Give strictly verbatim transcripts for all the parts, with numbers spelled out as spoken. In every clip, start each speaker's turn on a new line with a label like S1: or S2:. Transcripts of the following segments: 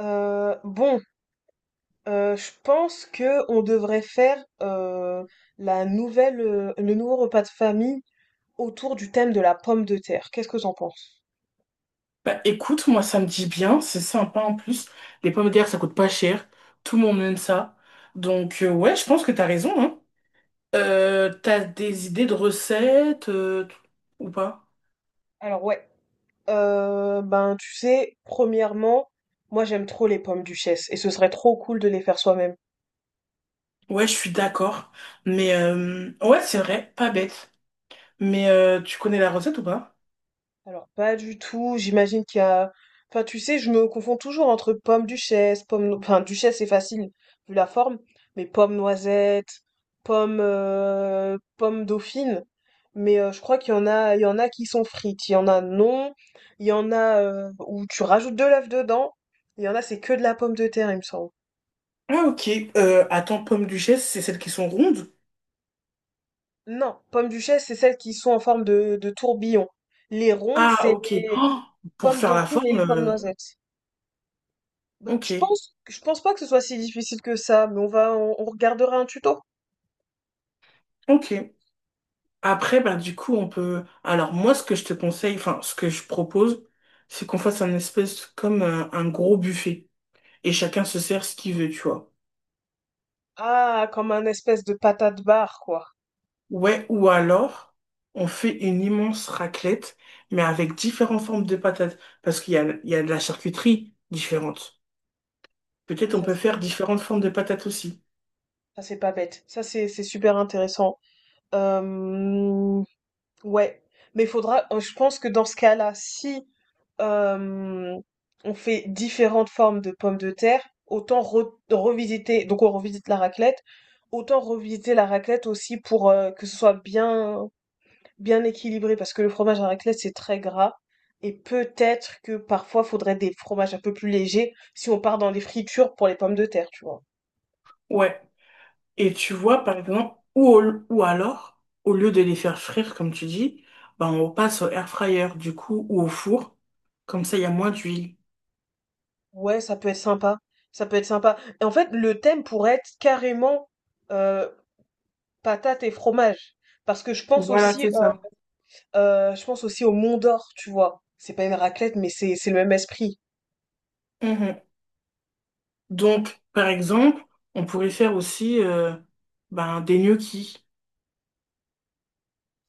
S1: Euh, bon, euh, je pense que on devrait faire euh, la nouvelle, euh, le nouveau repas de famille autour du thème de la pomme de terre. Qu'est-ce que t'en penses?
S2: Bah écoute, moi ça me dit bien, c'est sympa en plus. Les pommes de terre ça coûte pas cher, tout le monde aime ça. Donc euh, ouais, je pense que t'as raison, hein. Euh, t'as des idées de recettes euh, t- ou pas?
S1: Alors ouais, euh, ben tu sais, premièrement, moi j'aime trop les pommes duchesse et ce serait trop cool de les faire soi-même.
S2: Ouais, je suis d'accord. Mais euh, ouais, c'est vrai, pas bête. Mais euh, tu connais la recette ou pas?
S1: Alors, pas du tout. J'imagine qu'il y a. Enfin, tu sais, je me confonds toujours entre pomme duchesse, pomme. No- Enfin, duchesse, c'est facile, vu la forme, mais pomme noisette, pomme, euh, pomme dauphine. Mais euh, je crois qu'il y en a, il y en a qui sont frites, il y en a non, il y en a euh, où tu rajoutes de l'œuf dedans, il y en a c'est que de la pomme de terre, il me semble.
S2: Ah ok, euh, attends, pommes duchesse, c'est celles qui sont rondes?
S1: Non, pomme duchesse, c'est celles qui sont en forme de, de tourbillon. Les rondes,
S2: Ah
S1: c'est
S2: ok,
S1: les
S2: oh, pour
S1: pommes
S2: faire la
S1: dauphines et
S2: forme,
S1: les pommes
S2: euh,
S1: noisettes. Bah,
S2: Ok,
S1: je pense, je pense pas que ce soit si difficile que ça, mais on va, on, on regardera un tuto.
S2: ok. Après, ben, du coup, on peut. Alors, moi, ce que je te conseille, enfin, ce que je propose, c'est qu'on fasse un espèce comme un, un gros buffet et chacun se sert ce qu'il veut, tu vois.
S1: Ah, comme un espèce de patate barre, quoi.
S2: Ouais, ou alors, on fait une immense raclette, mais avec différentes formes de patates. Parce qu'il y a, il y a de la charcuterie différente. Peut-être on
S1: Ça,
S2: peut faire différentes formes de patates aussi.
S1: Ça, c'est pas bête. Ça, c'est c'est super intéressant. Euh, ouais. Mais faudra, euh, je pense que dans ce cas-là, si euh, on fait différentes formes de pommes de terre, autant re- revisiter, donc on revisite la raclette, autant revisiter la raclette aussi pour euh, que ce soit bien bien équilibré parce que le fromage à raclette c'est très gras et peut-être que parfois faudrait des fromages un peu plus légers si on part dans les fritures pour les pommes de terre, tu vois.
S2: Ouais. Et tu vois, par exemple, ou, au- ou alors, au lieu de les faire frire, comme tu dis, ben on passe au air fryer, du coup, ou au four. Comme ça, il y a moins d'huile.
S1: Ouais, ça peut être sympa. Ça peut être sympa. Et en fait, le thème pourrait être carrément euh, patates et fromage. Parce que je pense
S2: Voilà,
S1: aussi
S2: c'est ça.
S1: Euh, je pense aussi au Mont d'Or, tu vois. C'est pas une raclette, mais c'est c'est le même esprit.
S2: Mhm. Donc, par exemple, on pourrait faire aussi euh, ben, des gnocchis.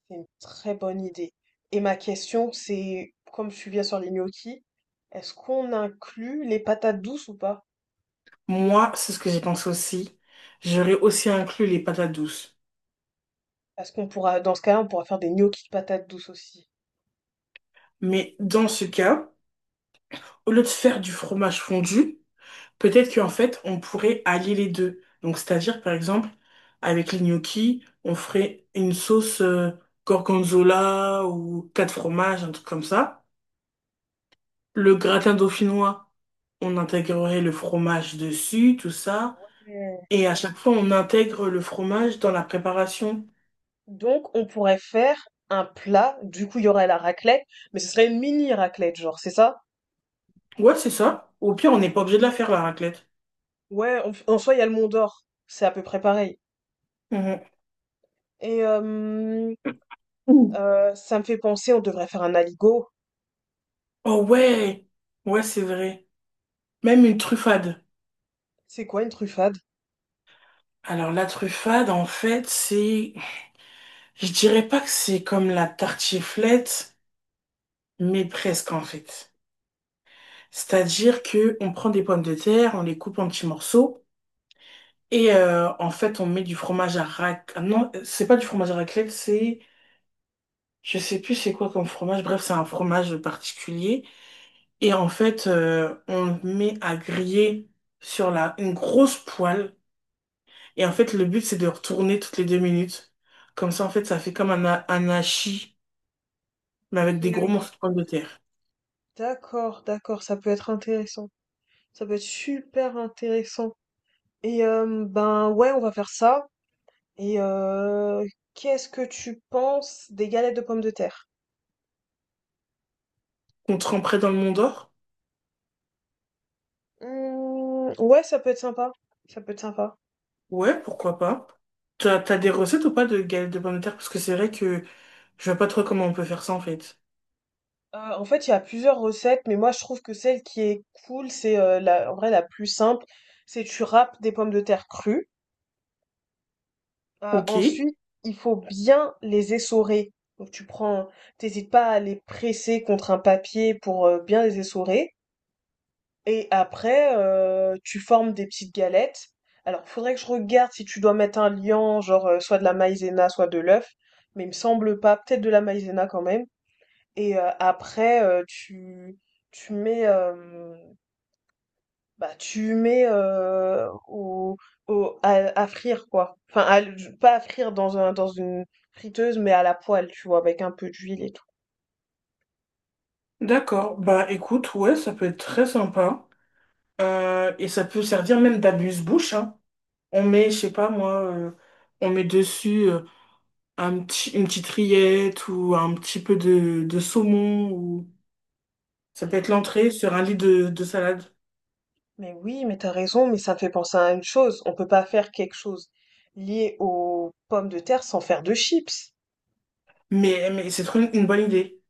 S1: C'est une très bonne idée. Et ma question, c'est, comme je suis bien sur les gnocchis, est-ce qu'on inclut les patates douces ou pas?
S2: Moi, c'est ce que j'ai pensé aussi. J'aurais aussi inclus les patates douces.
S1: Parce qu'on pourra, dans ce cas-là, on pourra faire des gnocchis de patates douces aussi.
S2: Mais dans ce cas, au lieu de faire du fromage fondu, peut-être qu'en fait, on pourrait allier les deux. Donc, c'est-à-dire, par exemple, avec les gnocchis, on ferait une sauce euh, gorgonzola ou quatre fromages, un truc comme ça. Le gratin dauphinois, on intégrerait le fromage dessus, tout ça.
S1: Hmm.
S2: Et à chaque fois, on intègre le fromage dans la préparation.
S1: Donc, on pourrait faire un plat. Du coup, il y aurait la raclette, mais ce serait une mini raclette, genre, c'est ça?
S2: Ouais, c'est ça. Au pire, on n'est pas obligé de la faire, la raclette.
S1: Ouais, en, f- en soi, il y a le Mont d'Or. C'est à peu près pareil.
S2: Mhm.
S1: Et euh,
S2: Ouh.
S1: euh, ça me fait penser, on devrait faire un aligot.
S2: Oh ouais! Ouais, c'est vrai. Même une truffade.
S1: C'est quoi une truffade?
S2: Alors, la truffade, en fait, c'est... Je dirais pas que c'est comme la tartiflette, mais presque en fait. C'est-à-dire que on prend des pommes de terre, on les coupe en petits morceaux et euh, en fait on met du fromage à rac... ah non, c'est pas du fromage à raclette, c'est je sais plus c'est quoi comme fromage. Bref, c'est un fromage particulier et en fait euh, on le met à griller sur la une grosse poêle et en fait le but c'est de retourner toutes les deux minutes. Comme ça en fait ça fait comme un, ha- un hachis mais avec des gros
S1: Ok,
S2: morceaux de pommes de terre
S1: d'accord, d'accord, ça peut être intéressant. Ça peut être super intéressant. Et euh, ben ouais, on va faire ça. Et euh, qu'est-ce que tu penses des galettes de pommes de terre?
S2: qu'on tremperait dans le Mont d'Or.
S1: Hmm, ouais, ça peut être sympa. Ça peut être sympa.
S2: Ouais, pourquoi pas. T'as, t'as des recettes ou pas de galettes de pommes de terre? Parce que c'est vrai que je vois pas trop comment on peut faire ça en fait.
S1: Euh, en fait, il y a plusieurs recettes, mais moi je trouve que celle qui est cool, c'est euh, la, en vrai la plus simple, c'est tu râpes des pommes de terre crues. Euh,
S2: Ok,
S1: ensuite, il faut bien les essorer. Donc tu prends, t'hésites pas à les presser contre un papier pour euh, bien les essorer. Et après, euh, tu formes des petites galettes. Alors, faudrait que je regarde si tu dois mettre un liant, genre euh, soit de la maïzena, soit de l'œuf. Mais il me semble pas, peut-être de la maïzena quand même. Et euh, après, euh, tu, tu mets, euh, bah, tu mets heu, au au à à frire quoi. Enfin à pas à frire dans un dans une friteuse, mais à la poêle, tu vois? Avec un peu d'huile et tout.
S2: d'accord. Bah écoute, ouais, ça peut être très sympa. Euh, et ça peut servir même d'abuse-bouche, hein. On met, je sais pas moi, euh, on met dessus euh, un petit, une petite rillette ou un petit peu de, de saumon ou ça peut être l'entrée sur un lit de, de salade.
S1: Mais oui, mais t'as raison, mais ça me fait penser à une chose, on peut pas faire quelque chose lié aux pommes de terre sans faire de chips.
S2: Mais, mais c'est trop une une bonne idée.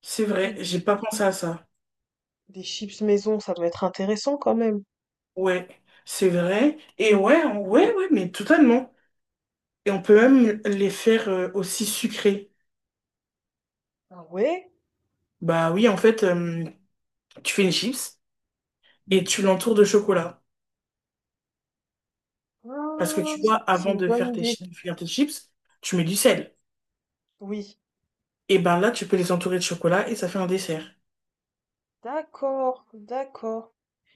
S2: C'est vrai,
S1: Plus
S2: j'ai pas pensé à ça.
S1: Des chips maison, ça doit être intéressant quand même.
S2: Ouais, c'est vrai. Et ouais, on- ouais, ouais, mais totalement. Et on peut même les faire euh, aussi sucrés.
S1: Ah ouais?
S2: Bah oui, en fait, euh, tu fais une chips et tu l'entoures de chocolat. Parce que
S1: Ah,
S2: tu vois,
S1: c'est
S2: avant
S1: une
S2: de
S1: bonne
S2: faire tes,
S1: idée.
S2: chi- de faire tes chips, tu mets du sel.
S1: Oui,
S2: Et ben là, tu peux les entourer de chocolat et ça fait un dessert.
S1: d'accord, d'accord.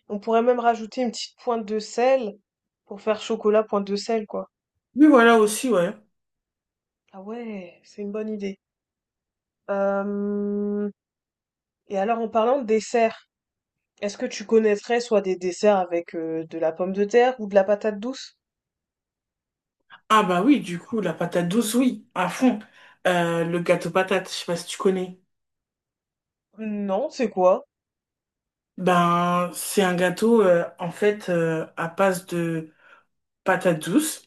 S1: On pourrait même rajouter une petite pointe de sel pour faire chocolat pointe de sel, quoi.
S2: Oui, voilà aussi, ouais.
S1: Ah ouais, c'est une bonne idée. Euh, Et alors, en parlant de dessert, est-ce que tu connaîtrais soit des desserts avec euh, de la pomme de terre ou de la patate douce?
S2: Ah bah oui, du coup, la patate douce, oui, à fond. Euh, le gâteau patate, je sais pas si tu connais.
S1: Non, c'est quoi?
S2: Ben, c'est un gâteau, euh, en fait, euh, à base de patate douce.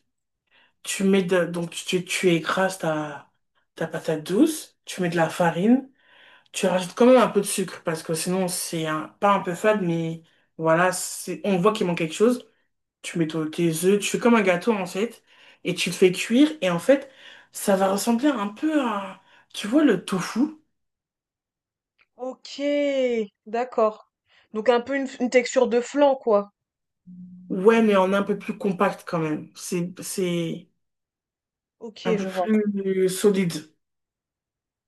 S2: Tu mets de, donc tu, tu écrases ta, ta patate douce, tu mets de la farine, tu rajoutes quand même un peu de sucre parce que sinon c'est un, pas un peu fade, mais voilà, c'est, on voit qu'il manque quelque chose. Tu mets ton- tes œufs, tu fais comme un gâteau en fait, et tu le fais cuire et en fait ça va ressembler un peu à, tu vois, le tofu.
S1: Ok, d'accord. Donc un peu une, une texture de flan, quoi.
S2: Ouais, mais en un peu plus compact quand même. C'est, c'est
S1: Ok,
S2: un peu
S1: je vois.
S2: plus solide.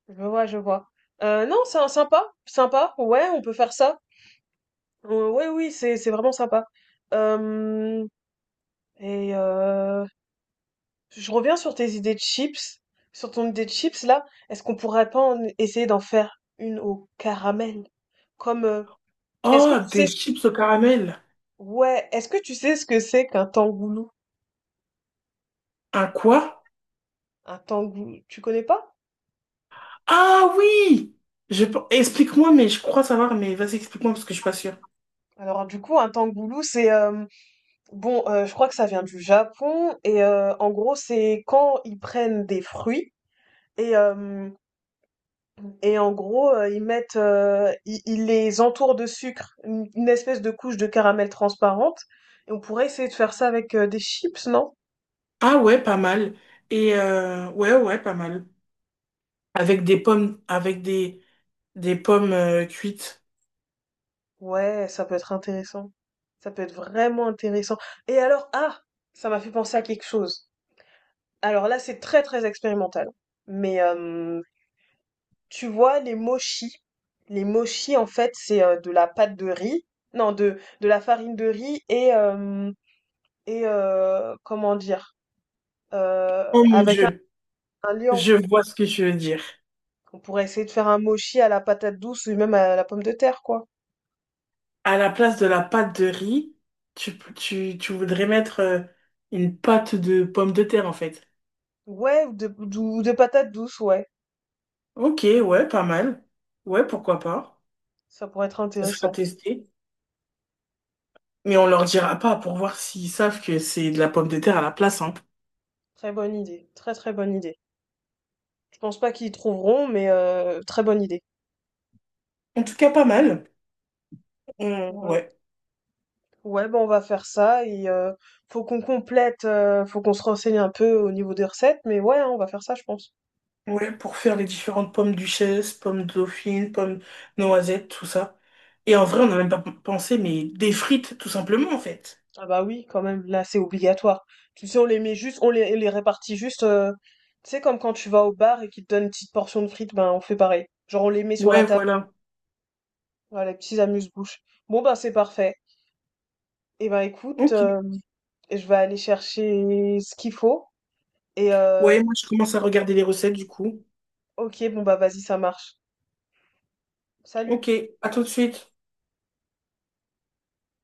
S1: Je vois, je vois. Euh, non, c'est un- sympa, sympa. Ouais, on peut faire ça. Euh, ouais, oui, c'est c'est vraiment sympa. Euh, et euh, je reviens sur tes idées de chips, sur ton idée de chips là. Est-ce qu'on pourrait pas en- essayer d'en faire une au caramel? Comme, euh, est-ce que
S2: Oh,
S1: tu sais,
S2: des
S1: ce-
S2: chips au caramel.
S1: ouais, est-ce que tu sais ce que c'est qu'un tangoulou?
S2: Un quoi?
S1: Un tangoulou, tu connais pas?
S2: Ah oui! Je... pe- Explique-moi, mais je crois savoir, mais vas-y, explique-moi parce que je suis pas sûre.
S1: Alors du coup, un tangoulou, c'est euh, bon, euh, je crois que ça vient du Japon et euh, en gros, c'est quand ils prennent des fruits et euh, et en gros, euh, ils mettent, euh, ils, ils les entourent de sucre, une, une espèce de couche de caramel transparente. Et on pourrait essayer de faire ça avec euh, des chips, non?
S2: Ah ouais, pas mal. Et euh, ouais, ouais, pas mal. Avec des pommes, avec des, des pommes euh, cuites.
S1: Ouais, ça peut être intéressant. Ça peut être vraiment intéressant. Et alors, ah, ça m'a fait penser à quelque chose. Alors là, c'est très très expérimental. Mais euh, tu vois, les mochis, les mochis, en fait, c'est euh, de la pâte de riz, non, de de la farine de riz et euh, et euh, comment dire, euh,
S2: Oh mon
S1: avec
S2: Dieu,
S1: Un lion.
S2: je vois ce que tu veux dire.
S1: On pourrait essayer de faire un mochi à la patate douce ou même à la pomme de terre, quoi.
S2: À la place de la pâte de riz, tu, tu, tu voudrais mettre euh, une pâte de pommes de terre en fait.
S1: Ouais, ou de, ou de patates douces, ouais.
S2: Ok, ouais, pas mal. Ouais, pourquoi pas.
S1: Ça pourrait être
S2: Ça sera
S1: intéressant.
S2: testé. Mais on leur dira pas pour voir s'ils savent que c'est de la pomme de terre à la place, hein.
S1: Très bonne idée. Très très bonne idée. Je pense pas qu'ils trouveront, mais euh, très bonne idée.
S2: En tout cas, pas mal. On-
S1: Ouais.
S2: ouais.
S1: Ouais, ben on va faire ça et euh, faut qu'on complète, euh, faut qu'on se renseigne un peu au niveau des recettes, mais ouais, hein, on va faire ça, je pense.
S2: Ouais, pour faire les différentes pommes duchesse, pommes dauphine, pommes noisettes, tout ça. Et en vrai, on n'a même pas p- pensé, mais des frites, tout simplement, en fait.
S1: Ah bah oui, quand même, là c'est obligatoire. Tu sais, on les met juste, on les, les répartit juste. euh, tu sais, comme quand tu vas au bar et qu'ils te donnent une petite portion de frites, ben on fait pareil. Genre on les met sur la
S2: Ouais,
S1: table.
S2: voilà.
S1: Ouais, les petits amuse-bouches. Bon, ben, c'est parfait. Eh ben, écoute,
S2: Ok.
S1: euh, je vais aller chercher ce qu'il faut. Et, euh,
S2: Ouais, moi, je commence à regarder les recettes, du coup.
S1: ok, bon, bah, vas-y, ça marche. Salut.
S2: Ok, à tout de suite.